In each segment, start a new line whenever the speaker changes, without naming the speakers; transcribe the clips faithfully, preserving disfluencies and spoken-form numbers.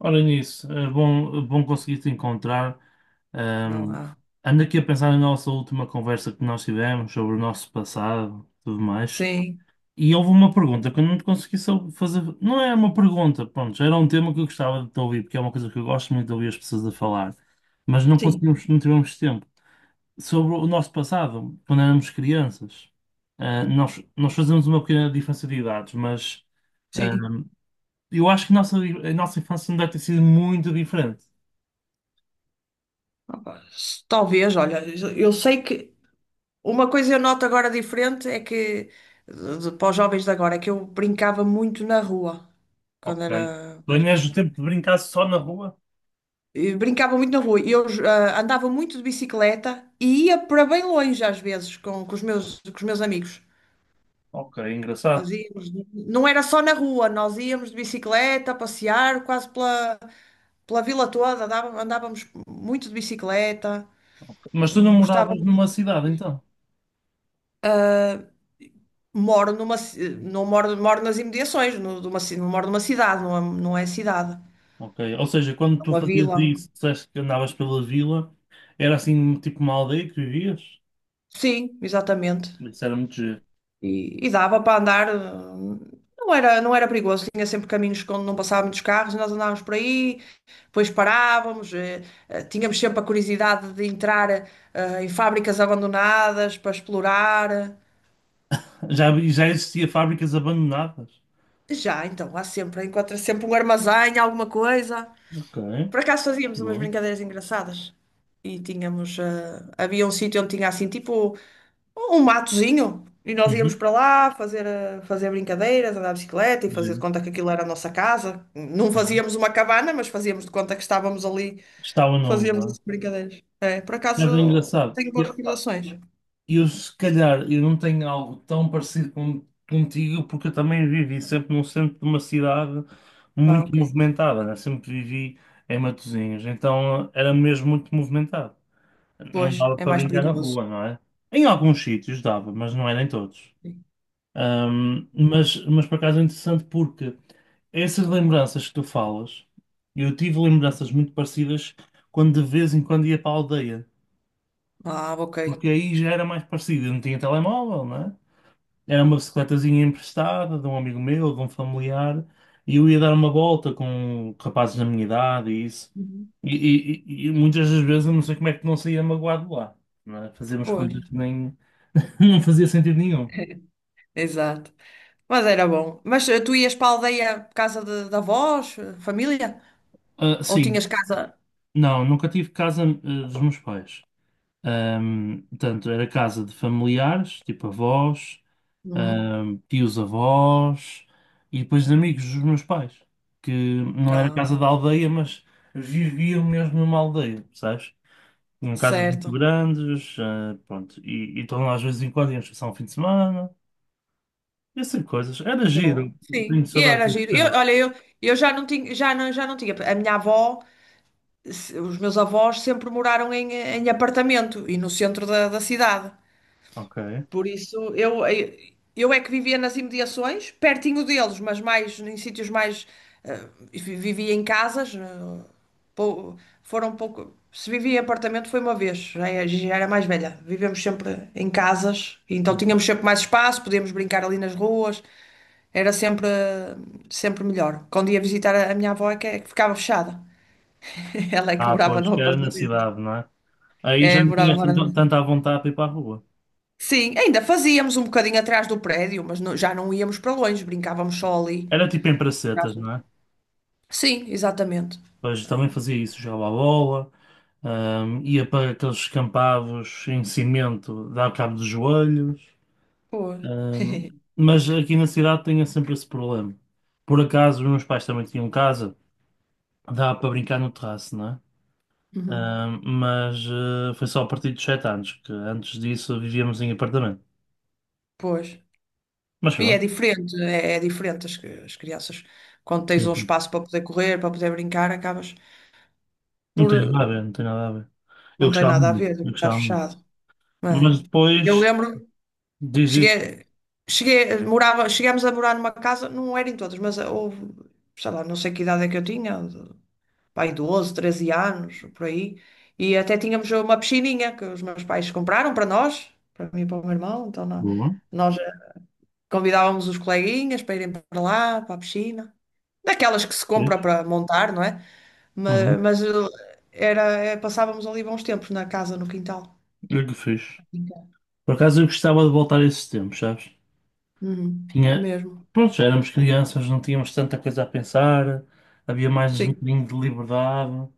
Ora nisso, é bom, é bom conseguir te encontrar.
Olha
Ahm,
lá.
ando aqui a pensar na nossa última conversa que nós tivemos sobre o nosso passado, tudo mais.
Sim,
E houve uma pergunta que eu não te consegui só fazer. Não era uma pergunta, pronto, já era um tema que eu gostava de te ouvir, porque é uma coisa que eu gosto muito de ouvir as pessoas a falar. Mas não
sim,
conseguimos, não tivemos tempo. Sobre o nosso passado, quando éramos crianças, Ah, nós, nós fazemos uma pequena diferença de idades, mas.
sim.
Eu acho que a nossa, a nossa infância não deve ter sido muito diferente.
Opa, s- talvez, olha, eu sei que uma coisa eu noto agora diferente é que, de- de- para os jovens de agora, é que eu brincava muito na rua quando
Ok.
era
Tu
mais
ainda o
nova.
tempo de brincar só na rua?
E brincava muito na rua e eu ah, andava muito de bicicleta e ia para bem longe às vezes com, com os meus, com os meus amigos.
Ok,
Nós
engraçado.
íamos, não era só na rua, nós íamos de bicicleta passear quase pela, pela vila toda, dava- andávamos muito de bicicleta.
Ok. Mas tu não
Hum, Gostava
moravas
muito
numa cidade,
de ir.
então?
Moro numa, ci- não moro, moro nas imediações, no- de uma ci- não moro numa cidade, não é, não é cidade,
Ok. Ou seja, quando
é
tu
uma
fazias
vila.
isso, disseste que andavas pela vila, era assim tipo uma aldeia que vivias?
Sim, exatamente.
Isso era muito giro.
E, e dava para andar, hum, não era, não era perigoso, tinha sempre caminhos onde não passavam muitos carros, nós andávamos por aí, depois parávamos, eh, eh, tínhamos sempre a curiosidade de entrar eh, em fábricas abandonadas para explorar.
Já, vi- já existia fábricas abandonadas.
Já, então, há sempre, encontra sempre um armazém, alguma coisa.
Ok,
Por acaso fazíamos umas
boa.
brincadeiras engraçadas e tínhamos, ah, havia um sítio onde tinha assim tipo um matozinho e nós íamos
Uhum.
para lá fazer, ah, fazer brincadeiras, andar de bicicleta e fazer de
Giro.
conta que aquilo era a nossa casa. Não
Uhum.
fazíamos uma cabana, mas fazíamos de conta que estávamos ali,
Está o nome,
fazíamos
não é?
essas brincadeiras. É, por
Mas é
acaso
engraçado.
tenho boas recordações.
Eu, se calhar, eu não tenho algo tão parecido com, contigo, porque eu também vivi sempre no centro de uma cidade
Ah,
muito
ok.
movimentada, né? Sempre vivi em Matosinhos, então era mesmo muito movimentado. Não
Pois,
dava
é
para
mais
brincar na
perigoso.
rua, não é? Em alguns sítios dava, mas não era em todos.
Sim.
Ahm, mas, mas por acaso é interessante porque essas lembranças que tu falas, eu tive lembranças muito parecidas quando de vez em quando ia para a aldeia,
Ah, ok.
porque aí já era mais parecido, eu não tinha telemóvel, né? Era uma bicicletazinha emprestada de um amigo meu, de um familiar, e eu ia dar uma volta com rapazes da minha idade e isso.
Uhum.
E, e- e- e muitas das vezes eu não sei como é que não saía magoado de lá, não é? Fazíamos
Pois.
coisas que nem não fazia sentido nenhum.
Exato. Mas era bom. Mas eh, tu ias para a aldeia por casa de, de avós, eh, família?
Ah,
Ou
sim,
tinhas casa?
não, nunca tive casa, ah, dos meus pais. Ahm, portanto, era casa de familiares, tipo avós,
Uhum.
ahm, tios avós e depois de amigos dos meus pais, que não era casa
Ah,
da aldeia, mas viviam mesmo numa aldeia, sabes? Tinham casas muito
certo.
grandes, ah, pronto, e e estão lá às vezes em quando, iam passar um fim de semana, essas coisas. Era
Boa.
giro, tenho
Sim, e
saudades
era
desse
giro. Eu,
tempo.
olha, eu, eu já não tinha, já não, já não tinha. A minha avó, se- os meus avós sempre moraram em, em apartamento e no centro da, da cidade.
Ok.
Por isso, eu, eu é que vivia nas imediações, pertinho deles, mas mais em sítios mais. eh, vi- Vivia em casas. eh, pou- Foram pouco. Se vivia em apartamento foi uma vez, já é- já era mais velha. Vivemos sempre em casas, então tínhamos sempre mais espaço, podíamos brincar ali nas ruas, era sempre, eh, sempre melhor. Quando ia visitar a a minha avó, é que, é que ficava fechada. Ela é que
Ah,
morava
pois,
no
que era na
apartamento.
cidade, não é? Aí já
É,
não
morava,
tinhas
morava.
tanto- tanta à vontade para ir para a rua.
Sim, ainda fazíamos um bocadinho atrás do prédio, mas não- já não íamos para longe, brincávamos só ali.
Era tipo em pracetas, não é?
Sim, exatamente.
Pois também fazia isso, jogava a bola, ahm, ia para aqueles campados em cimento, dava cabo dos joelhos.
Pois.
ahm, mas aqui na cidade tinha sempre esse problema. Por acaso, os meus pais também tinham casa, dava para brincar no terraço, não é?
Uhum.
Ahm, mas eh, foi só a partir dos sete anos, que antes disso vivíamos em apartamento.
Pois.
Mas
E é
pronto,
diferente, é, é diferente as, cri- as crianças. Quando tens
sim,
um
sim.
espaço para poder correr, para poder brincar, acabas
Não
por.
tem nada a ver,
eh,
não tem nada a ver. Eu
Não tem
gostava
nada a
muito,
ver,
eu
estás
gostava muito.
fechado, não é?
Mas
Eu
depois
lembro,
diz isto.
cheguei, cheguei, morava, chegámos a morar numa casa, não eram todas, mas houve, sei lá, não sei que idade é que eu tinha, pai, doze, treze anos, por aí. E até tínhamos uma piscininha que os meus pais compraram para nós, para mim e para o meu irmão. Então nó-
Boa,
nós eh, convidávamos os coleguinhas para irem para lá, para a piscina. Daquelas que se compra
fiz.
para montar, não é? Ma-
Uhum.
Mas, eh, era, eh, passávamos ali bons tempos na casa, no quintal.
Eu que fiz. Por acaso eu gostava de voltar a esses tempos, sabes?
Uhum,
Tinha.
mesmo.
Pronto, já éramos crianças, não tínhamos tanta coisa a pensar, havia mais um
Sim.
bocadinho de liberdade.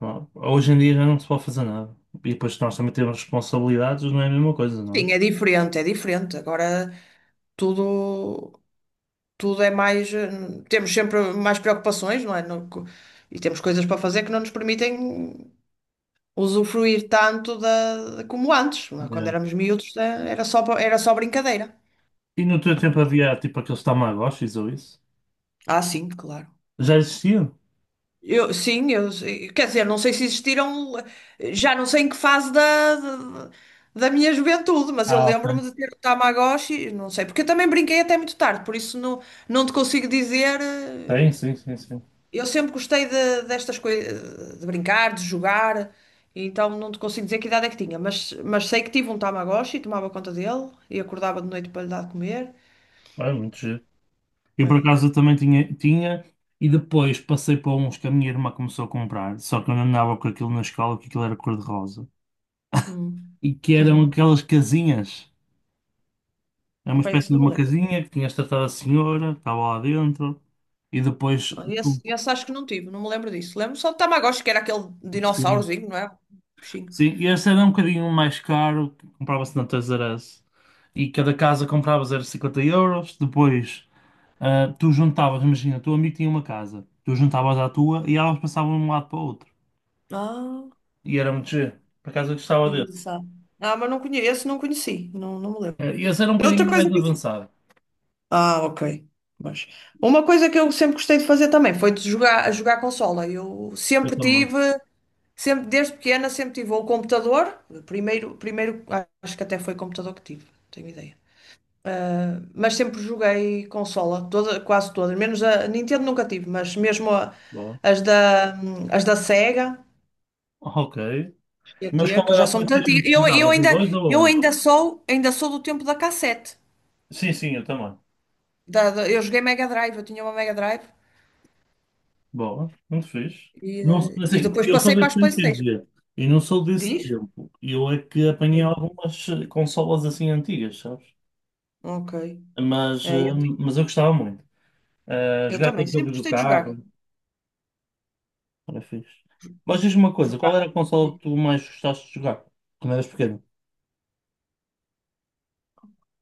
Pá, hoje em dia já não se pode fazer nada. E depois nós também temos responsabilidades, não é a mesma coisa, não é?
Sim, é diferente, é diferente. Agora tudo. tudo é mais. eh, Temos sempre mais preocupações, não é? No- co- e temos coisas para fazer que não nos permitem usufruir tanto da, de- como antes, não é? Quando
Yeah.
éramos miúdos, eh, era só, pa- era só brincadeira.
E no teu tempo havia tipo aqueles Tamagotchis ou isso?
Ah, sim, claro.
Já existiam?
Eu, sim, eu, eh, quer dizer, não sei se existiram, eh, já não sei em que fase da, da, da minha juventude, mas eu
Ah, ok.
lembro-me de ter o Tamagotchi, não sei, porque eu também brinquei até muito tarde, por isso não, não te consigo dizer. eh,
Tem, sim, sim, sim.
Eu sempre gostei de- destas coisas, de brincar, de jogar, então não te consigo dizer que idade é que tinha, mas, mas, sei que tive um Tamagotchi, tomava conta dele e acordava de noite para lhe dar de comer.
É muito giro. Eu por
É.
acaso eu também tinha, tinha, e depois passei para uns que a minha irmã começou a comprar, só que eu não andava com aquilo na escola, que aquilo era cor-de-rosa.
Hum.
E que eram aquelas casinhas. Era uma
Opa,
espécie
esse
de
não me
uma
lembro.
casinha que tinhas tratado a senhora, que estava lá dentro, e depois
Ah,
tu.
Esse, esse acho que não tive, não me lembro disso. Lembro só do Tamagotchi, que era aquele
Sim.
dinossaurozinho, não é? Bichinho.
Sim, e esse era um bocadinho mais caro, que comprava-se na Toys R Us. E cada casa compravas era cinquenta euros. Depois ah, tu juntavas, imagina, o teu amigo tinha uma casa, tu juntavas à tua e elas passavam de um lado para o outro.
Ah,
E era muito giro. Por acaso eu
que
gostava desse.
engraçado. Ah, mas não conheço, não conheci, não, não me lembro.
Ah, e esse era um
Outra
bocadinho
coisa
mais
que...
avançado.
Ah, ok. Mas uma coisa que eu sempre gostei de fazer também foi de jogar, a jogar consola. Eu
Eu
sempre
também.
tive, sempre desde pequena, sempre tive ou o computador, primeiro, primeiro acho que até foi computador que tive, não tenho ideia. Mas sempre joguei consola, toda, quase todas, menos a Nintendo nunca tive, mas mesmo a-
Boa.
as da, as da Sega,
Ok. Mas
G T,
qual
que
era
já
a
são muito
PlayStation
antigas.
que
Eu,
jogava?
eu
A
ainda,
dois ou a
eu
um?
ainda sou, ainda sou do tempo da cassete.
Sim, sim, eu também.
Da- da- eu joguei Mega Drive, eu tinha uma Mega Drive.
Boa, muito fixe.
E,
Não, sou-
eh, e
assim,
depois
eu sou
passei para
desse
as
tempo, quer
PlayStation.
dizer, e não sou desse
Diz?
tempo. Eu é que apanhei
Sim.
algumas eh, consolas assim antigas, sabes?
Ok.
Mas,
É,
eh,
eu,
mas eu gostava muito. Eh,
eu
jogar
também
aqueles
sempre
jogos do
gostei de
carro,
jogar.
era fixe. Mas diz-me uma coisa, qual
Jogar.
era a consola que tu mais gostaste de jogar quando eras pequeno?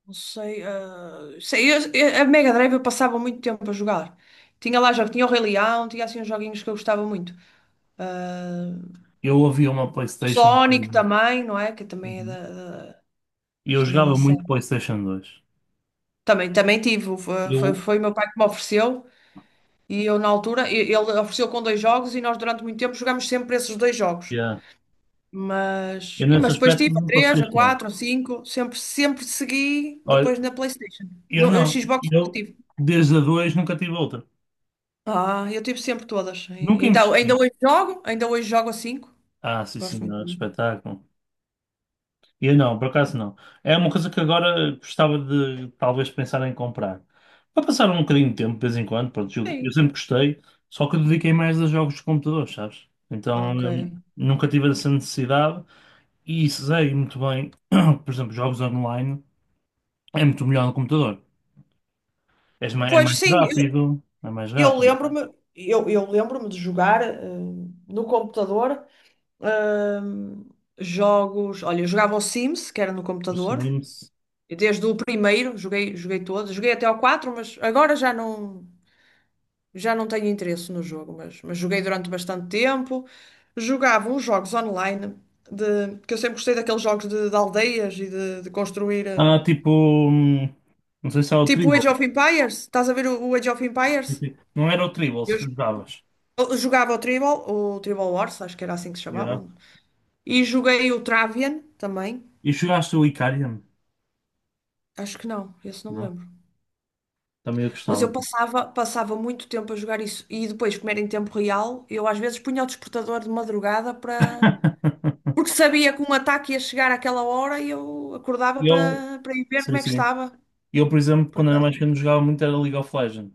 Não sei, eh, sei, eu- eu- a Mega Drive eu passava muito tempo a jogar. Tinha lá jogos, tinha o Rei Leão, tinha assim uns joguinhos que eu gostava muito. Ah,
Eu havia uma PlayStation
Sonic
que...
também, não é? Que também é
Uhum.
da, da-
E eu
isto também é da
jogava muito
série.
PlayStation dois.
Também, também tive, o- foi, foi,
Eu,
foi o meu pai que me ofereceu e eu na altura, e- ele ofereceu com dois jogos e nós durante muito tempo jogámos sempre esses dois jogos.
yeah.
Mas,
Eu
e-
nesse
mas depois
aspecto
tive a
não posso
três, a
gastar.
quatro, a cinco sempre, sempre, segui depois na PlayStation.
Eu
No, a
não.
Xbox nunca
Eu,
tive.
desde a dois nunca tive outra.
Ah, eu tive sempre todas.
Nunca
Ainda, ainda
investi.
hoje jogo, ainda hoje jogo a cinco.
Ah, sim,
Gosto
senhor,
muito.
espetáculo. Eu não, por acaso não. É uma coisa que agora gostava de talvez pensar em comprar. Para passar um bocadinho de tempo, de vez em quando, pronto, eu, eu
Sim.
sempre gostei, só que eu dediquei mais a jogos de computador, sabes? Então,
Ok.
hum, nunca tive essa necessidade e sei muito bem, por exemplo, jogos online é muito melhor no computador. És ma- É
Pois
mais
sim, eu,
rápido, é mais
eu
rápido.
lembro-me, eu, eu lembro-me de jogar eh, no computador ehm, jogos. Olha, eu jogava o Sims, que era no computador.
Assim,
E desde o primeiro, joguei, joguei todos, joguei até ao quatro, mas agora já não. Já não tenho interesse no jogo, mas, mas joguei durante bastante tempo. Jogava uns jogos online, de, que eu sempre gostei daqueles jogos de, de aldeias e de, de construir. eh,
Ah, tipo, hum, não sei se é o
Tipo o Age
Tribal.
of Empires. Estás a ver o, o Age of Empires?
Não era o Tribal se
Eu
que
jo-
jogavas.
eu jogava o Tribal, o Tribal Wars, acho que era assim que se
Yeah.
chamava. E joguei o Travian também.
E jogaste o Icarian?
Acho que não, esse não me
Não? é?
lembro.
Também eu
Mas
gostava.
eu passava, passava muito tempo a jogar isso. E depois, como era em tempo real, eu às vezes punha o despertador de madrugada para... Porque sabia que um ataque ia chegar àquela hora e eu acordava
Eu,
para, para ir ver
sim,
como é que
sim.
estava.
Eu, por exemplo,
Por
quando era mais
acaso,
pequeno, jogava muito era League of Legends.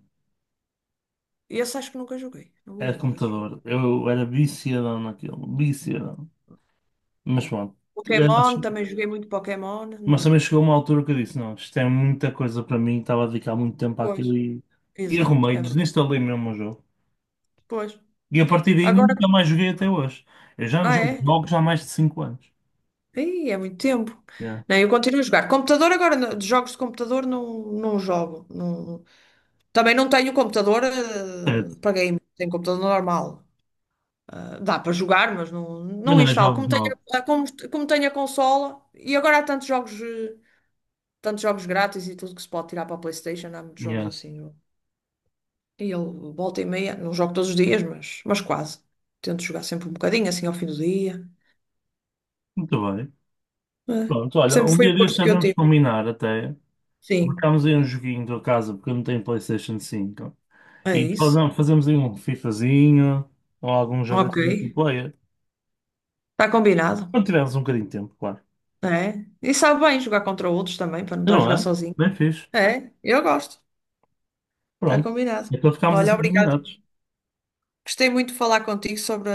esse acho que nunca joguei, não me
Era de
lembro desse jogo.
computador. Eu era viciadão naquilo. Viciadão. Mas pronto. É,
Pokémon, também joguei muito Pokémon.
mas também
No...
chegou uma altura que eu disse: não, isto é muita coisa para mim. Estava a dedicar muito tempo àquilo
Pois.
e, e
Exato,
arrumei,
é verdade.
desinstalei mesmo o jogo.
Pois.
E a partir daí
Agora,
nunca mais joguei até hoje. Eu já não
ah
jogo
é?
jogos há mais de cinco anos.
Ih, é muito tempo.
Yeah.
Não, eu continuo a jogar. Computador agora, não- de jogos de computador não, não jogo. Não- Também não tenho computador eh,
Certo.
para game, tenho computador normal. Ah, dá para jogar, mas não,
Mas
não
não é
instalo.
jogos
Como tenho,
novos.
a- ah, como, como tenho a consola, e agora há tantos jogos, eh, tantos jogos grátis e tudo que se pode tirar para a PlayStation, há muitos jogos
Yeah.
assim. eu- E ele volta e meia, não jogo todos os dias, mas, mas, quase. Tento jogar sempre um bocadinho, assim ao fim do dia.
Muito bem.
É,
Pronto, olha,
sempre
um
foi
dia
o
destes
gosto que eu
sabemos
tive.
combinar até.
Sim,
Marcámos aí um joguinho da casa, porque eu não tenho PlayStation cinco.
é
E
isso.
fazemos, fazemos aí um FIFAzinho ou algum jogo
Ok.
assim multiplayer.
Está combinado.
Quando tivermos um bocadinho de tempo, claro.
É. E sabe bem jogar contra outros também, para não estar a
Não
jogar
é?
sozinho.
Bem fixe.
É, eu gosto. Está
Pronto.
combinado.
Então ficámos
Olha,
assim
obrigada.
combinados.
Gostei muito de falar contigo sobre,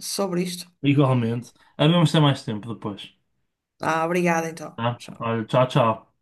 sobre isto.
Igualmente. Havemos ter mais tempo depois.
Ah, obrigada então.
Tá?
Tchau.
Olha, tchau, tchau.